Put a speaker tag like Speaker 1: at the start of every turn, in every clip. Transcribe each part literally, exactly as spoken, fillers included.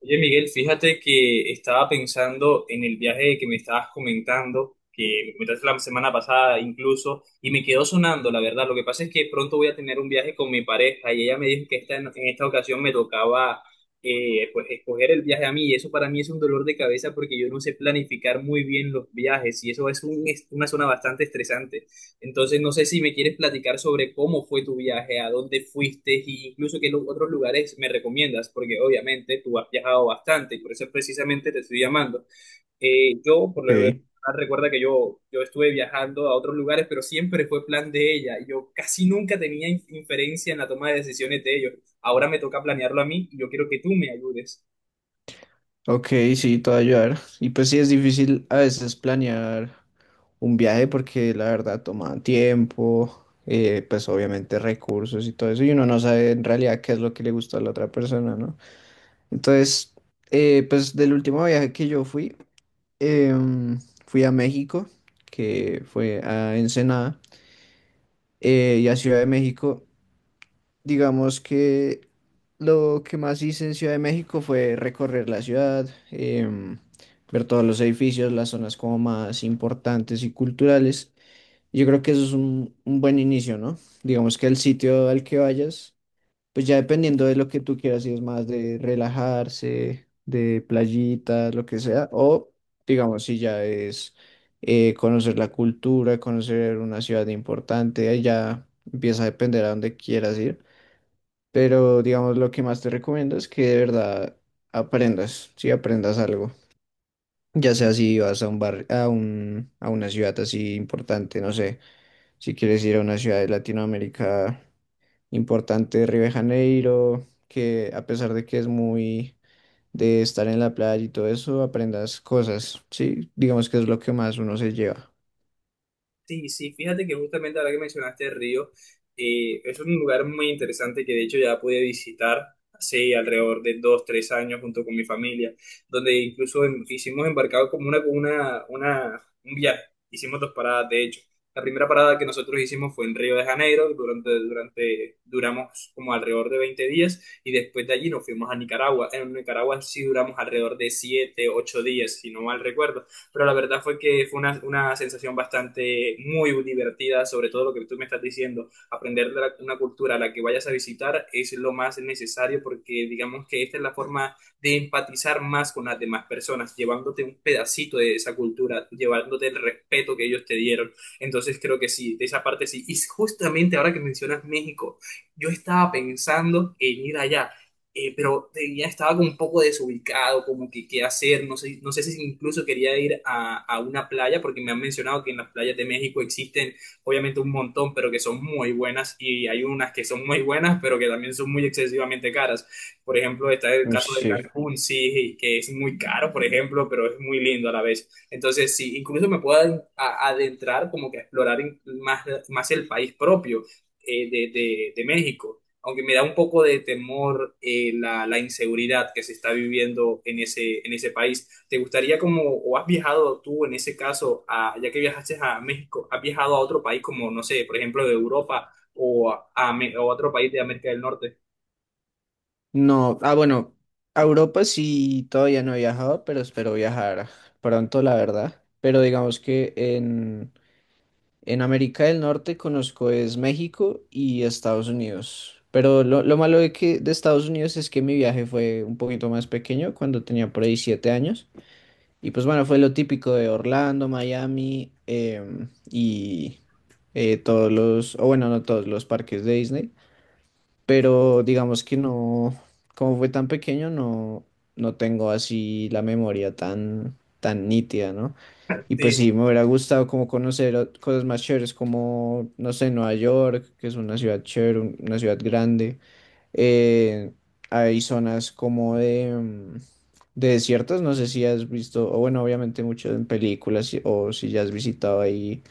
Speaker 1: Oye, Miguel, fíjate que estaba pensando en el viaje que me estabas comentando, que me comentaste la semana pasada incluso, y me quedó sonando, la verdad. Lo que pasa es que pronto voy a tener un viaje con mi pareja y ella me dijo que esta, en esta ocasión me tocaba eh, pues escoger el viaje a mí, y eso para mí es un dolor de cabeza porque yo no sé planificar muy bien los viajes y eso es un- es una zona bastante estresante. Entonces, no sé si me quieres platicar sobre cómo fue tu viaje, a dónde fuiste e incluso qué lu- otros lugares me recomiendas, porque obviamente tú has viajado bastante y por eso precisamente te estoy llamando. Eh, yo, por lo que veo,
Speaker 2: Ok,
Speaker 1: recuerda que yo, yo estuve viajando a otros lugares, pero siempre fue plan de ella. y Yo casi nunca tenía in- inferencia en la toma de decisiones de ellos. Ahora me toca planearlo a mí y yo quiero que tú me ayudes.
Speaker 2: ok, sí, te va a ayudar. Y pues sí, es difícil a veces planear un viaje porque la verdad toma tiempo, eh, pues obviamente recursos y todo eso, y uno no sabe en realidad qué es lo que le gusta a la otra persona, ¿no? Entonces, eh, pues del último viaje que yo fui, em, fui a México, que fue a Ensenada, eh, y a Ciudad de México. Digamos que lo que más hice en Ciudad de México fue recorrer la ciudad, em, ver todos los edificios, las zonas como más importantes y culturales. Yo creo que eso es un, un buen inicio, ¿no? Digamos que el sitio al que vayas, pues ya dependiendo de lo que tú quieras, si es más de relajarse, de playita, lo que sea, o digamos si ya es eh, conocer la cultura, conocer una ciudad importante, ahí ya empieza a depender a dónde quieras ir. Pero digamos, lo que más te recomiendo es que de verdad aprendas, si aprendas algo. Ya sea si vas a un bar, a un, a una ciudad así importante, no sé, si quieres ir a una ciudad de Latinoamérica importante, Río de Janeiro, que a pesar de que es muy de estar en la playa y todo eso, aprendas cosas, sí, digamos que es lo que más uno se lleva.
Speaker 1: Sí, sí, fíjate que justamente ahora que mencionaste el río, eh, es un lugar muy interesante que de hecho ya pude visitar hace alrededor de dos, tres años junto con mi familia, donde incluso em- hicimos embarcado como una, una, una, un viaje, hicimos dos paradas de hecho. La primera parada que nosotros hicimos fue en Río de Janeiro, durante, durante, duramos como alrededor de veinte días y después de allí nos fuimos a Nicaragua. En Nicaragua sí duramos alrededor de siete, ocho días, si no mal recuerdo, pero la verdad fue que fue una, una sensación bastante muy divertida, sobre todo lo que tú me estás diciendo. Aprender de la- una cultura a la que vayas a visitar es lo más necesario, porque digamos que esta es la forma de empatizar más con las demás personas, llevándote un pedacito de esa cultura, llevándote el respeto que ellos te dieron. Entonces creo que sí, de esa parte sí. Y justamente ahora que mencionas México, yo estaba pensando en ir allá, eh, pero tenía, estaba como un poco desubicado, como que qué hacer, no sé, no sé si incluso quería ir a, a una playa, porque me han mencionado que en las playas de México existen obviamente un montón, pero que son muy buenas, y hay unas que son muy buenas, pero que también son muy excesivamente caras. Por ejemplo, está el
Speaker 2: Uy,
Speaker 1: caso de
Speaker 2: sí.
Speaker 1: Cancún, sí, que es muy caro, por ejemplo, pero es muy lindo a la vez. Entonces, sí, incluso me puedo ad- a- adentrar como que a explorar in- más, más el país propio eh, de, de de México, aunque me da un poco de temor eh, la, la inseguridad que se está viviendo en ese, en ese país. ¿Te gustaría como, o has viajado tú en ese caso, a- ya que viajaste a México, has viajado a otro país como, no sé, por ejemplo, de Europa o a, a Me- o a otro país de América del Norte?
Speaker 2: No, ah, bueno, a Europa sí todavía no he viajado, pero espero viajar pronto, la verdad. Pero digamos que en, en América del Norte conozco es México y Estados Unidos. Pero lo, lo malo de que de Estados Unidos es que mi viaje fue un poquito más pequeño, cuando tenía por ahí siete años. Y pues bueno, fue lo típico de Orlando, Miami, em, y eh, todos los, o bueno, no todos los parques de Disney, pero digamos que no, como fue tan pequeño, no, no tengo así la memoria tan, tan nítida, ¿no? Y pues sí, me hubiera gustado como conocer o- cosas más chéveres, como, no sé, Nueva York, que es una ciudad chévere, un- una ciudad grande. Eh, hay zonas como de, mm, de desiertos, no sé si has visto, o bueno, obviamente mucho en películas, si- o si ya has visitado ahí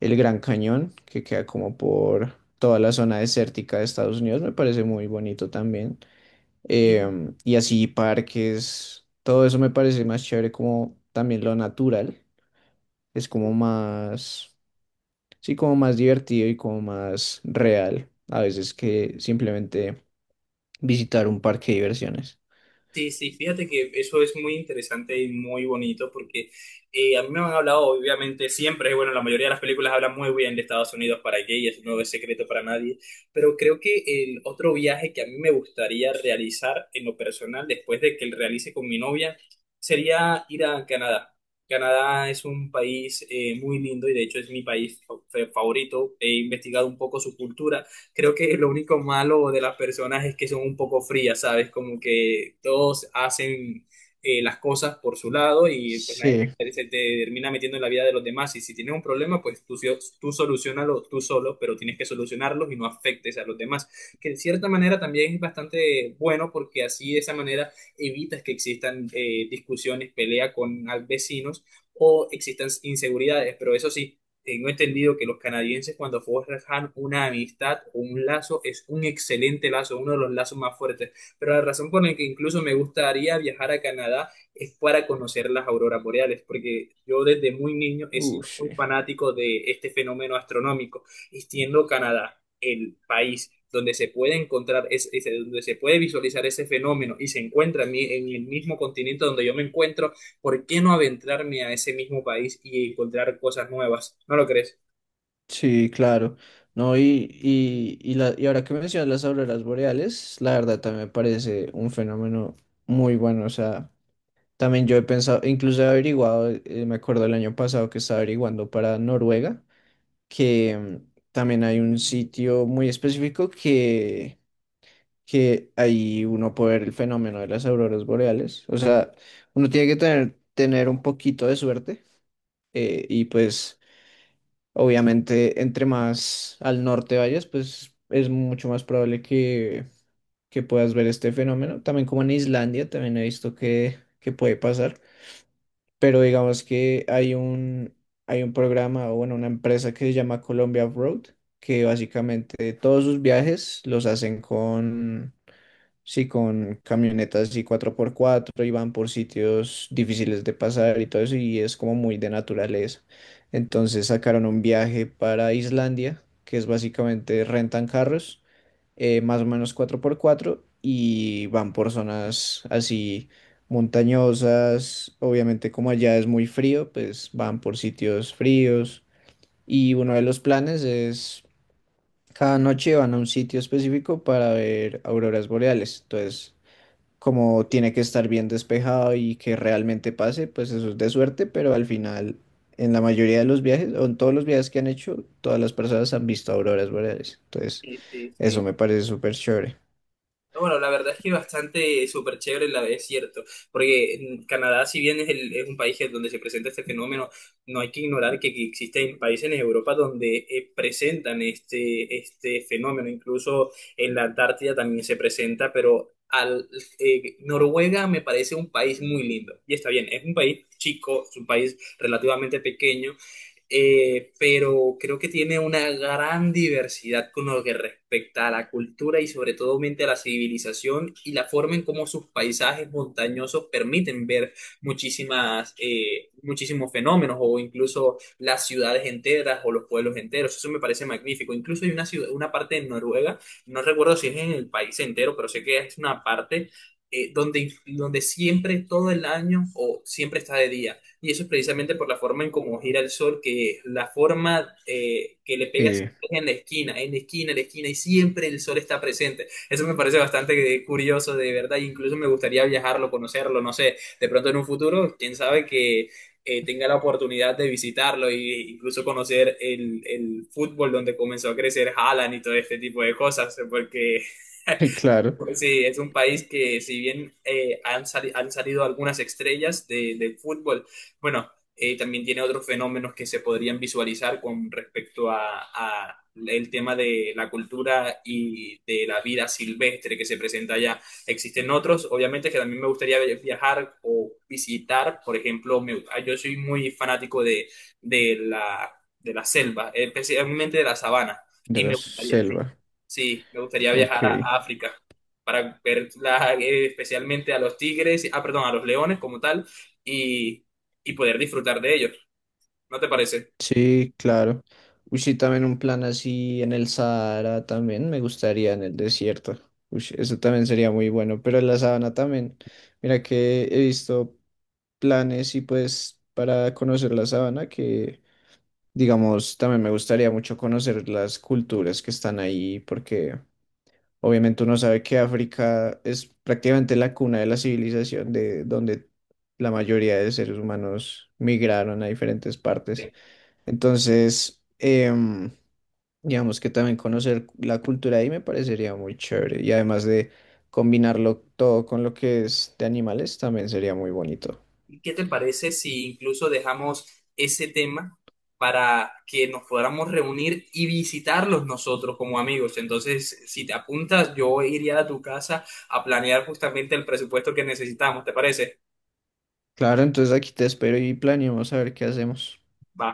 Speaker 2: el Gran Cañón, que queda como por toda la zona desértica de Estados Unidos, me parece muy bonito también. Em, y así parques, todo eso me parece más chévere como también lo natural, es como
Speaker 1: Sí.
Speaker 2: más, sí, como más divertido y como más real a veces que simplemente visitar un parque de diversiones.
Speaker 1: Sí, sí, fíjate que eso es muy interesante y muy bonito, porque eh, a mí me han hablado, obviamente, siempre, bueno, la mayoría de las películas hablan muy bien de Estados Unidos para gay, eso no es secreto para nadie, pero creo que el otro viaje que a mí me gustaría realizar en lo personal, después de que lo realice con mi novia, sería ir a Canadá. Canadá es un país eh, muy lindo, y de hecho es mi país fa- favorito. He investigado un poco su cultura. Creo que lo único malo de las personas es que son un poco frías, ¿sabes? Como que todos hacen eh, las cosas por su lado y pues nadie
Speaker 2: Sí,
Speaker 1: se, se te termina metiendo en la vida de los demás. Y si tienes un problema, pues tú, sio- tú solucionalo tú solo, pero tienes que solucionarlos y no afectes a los demás. Que de cierta manera también es bastante bueno, porque así de esa manera evitas que existan eh, discusiones, pelea con al- vecinos o existan inseguridades. Pero eso sí. Tengo entendido que los canadienses, cuando forjan una amistad o un lazo, es un excelente lazo, uno de los lazos más fuertes. Pero la razón por la que incluso me gustaría viajar a Canadá es para conocer las auroras boreales, porque yo desde muy niño he sido
Speaker 2: ush.
Speaker 1: muy fanático de este fenómeno astronómico, y siendo Canadá el país donde se puede encontrar, ese- ese- donde se puede visualizar ese fenómeno, y se encuentra en mi- en el mismo continente donde yo me encuentro, ¿por qué no adentrarme a ese mismo país y encontrar cosas nuevas? ¿No lo crees?
Speaker 2: Sí, claro. No, y, y, y, la, y ahora que mencionas las auroras boreales, la verdad también me parece un fenómeno muy bueno. O sea, también yo he pensado, incluso he averiguado, eh, me acuerdo el año pasado que estaba averiguando para Noruega, que mm, también hay un sitio muy específico que, que ahí uno puede ver el fenómeno de las auroras boreales. O sea, uno tiene que tener, tener un poquito de suerte eh, y pues. Obviamente, entre más al norte vayas, pues es mucho más probable que, que puedas ver este fenómeno. También como en Islandia, también he visto que, que puede pasar. Pero digamos que hay un, hay un programa o bueno, una empresa que se llama Colombia Road, que básicamente todos sus viajes los hacen con sí, con camionetas y cuatro por cuatro y van por sitios difíciles de pasar y todo eso y es como muy de naturaleza. Entonces sacaron un viaje para Islandia, que es básicamente rentan carros, eh, más o menos cuatro por cuatro y van por zonas así montañosas. Obviamente como allá es muy frío, pues van por sitios fríos y uno de los planes es cada noche van a un sitio específico para ver auroras boreales. Entonces como tiene que estar bien despejado y que realmente pase, pues eso es de suerte, pero al final, en la mayoría de los viajes, o en todos los viajes que han hecho, todas las personas han visto auroras boreales. Entonces,
Speaker 1: Sí, sí,
Speaker 2: eso
Speaker 1: sí.
Speaker 2: me parece súper chévere.
Speaker 1: No, bueno, la verdad es que bastante súper chévere, la es cierto, porque en Canadá, si bien es, el- es un país en donde se presenta este fenómeno, no hay que ignorar que, que existen países en Europa donde eh, presentan este, este fenómeno. Incluso en la Antártida también se presenta, pero al, eh, Noruega me parece un país muy lindo, y está bien, es un país chico, es un país relativamente pequeño, eh, pero creo que tiene una gran diversidad con lo que respecta a la cultura, y sobre todo mente a la civilización y la forma en cómo sus paisajes montañosos permiten ver muchísimas, eh, muchísimos fenómenos, o incluso las ciudades enteras o los pueblos enteros. Eso me parece magnífico. Incluso hay una ciudad, una parte en Noruega, no recuerdo si es en el país entero, pero sé que es una parte eh, donde, donde siempre todo el año o siempre está de día. Y eso es precisamente por la forma en cómo gira el sol, que es la forma eh, que le pegas
Speaker 2: Y,
Speaker 1: en la esquina, en la esquina, en la esquina, y siempre el sol está presente. Eso me parece bastante curioso, de verdad. e Incluso me gustaría viajarlo, conocerlo, no sé, de pronto en un futuro, quién sabe que eh, tenga la oportunidad de visitarlo e incluso conocer el, el fútbol donde comenzó a crecer Haaland y todo este tipo de cosas, porque
Speaker 2: y claro,
Speaker 1: pues, sí, es un país que si bien eh, han, sali- han salido algunas estrellas de- del fútbol, bueno, eh, también tiene otros fenómenos que se podrían visualizar con respecto a, a el tema de la cultura y de la vida silvestre que se presenta allá. Existen otros, obviamente, que también me gustaría viajar o visitar. Por ejemplo, me- yo soy muy fanático de, de la, de la selva, especialmente de la sabana,
Speaker 2: de
Speaker 1: y me
Speaker 2: la
Speaker 1: gustaría, sí,
Speaker 2: selva.
Speaker 1: sí, me gustaría
Speaker 2: Ok.
Speaker 1: viajar a África para ver la- eh, especialmente a los tigres, ah, perdón, a los leones como tal, y, y poder disfrutar de ellos. ¿No te parece?
Speaker 2: Sí, claro. Uy, sí, también un plan así en el Sahara también me gustaría en el desierto. Uy, eso también sería muy bueno, pero en la sabana también. Mira que he visto planes y pues para conocer la sabana, que digamos, también me gustaría mucho conocer las culturas que están ahí, porque obviamente uno sabe que África es prácticamente la cuna de la civilización, de donde la mayoría de seres humanos migraron a diferentes partes.
Speaker 1: Bien.
Speaker 2: Entonces, em, digamos que también conocer la cultura ahí me parecería muy chévere y además de... Combinarlo todo con lo que es de animales también sería muy bonito.
Speaker 1: ¿Y qué te parece si incluso dejamos ese tema para que nos podamos reunir y visitarlos nosotros como amigos? Entonces, si te apuntas, yo iría a tu casa a planear justamente el presupuesto que necesitamos, ¿te parece?
Speaker 2: Claro, entonces aquí te espero y planeamos a ver qué hacemos.
Speaker 1: Va.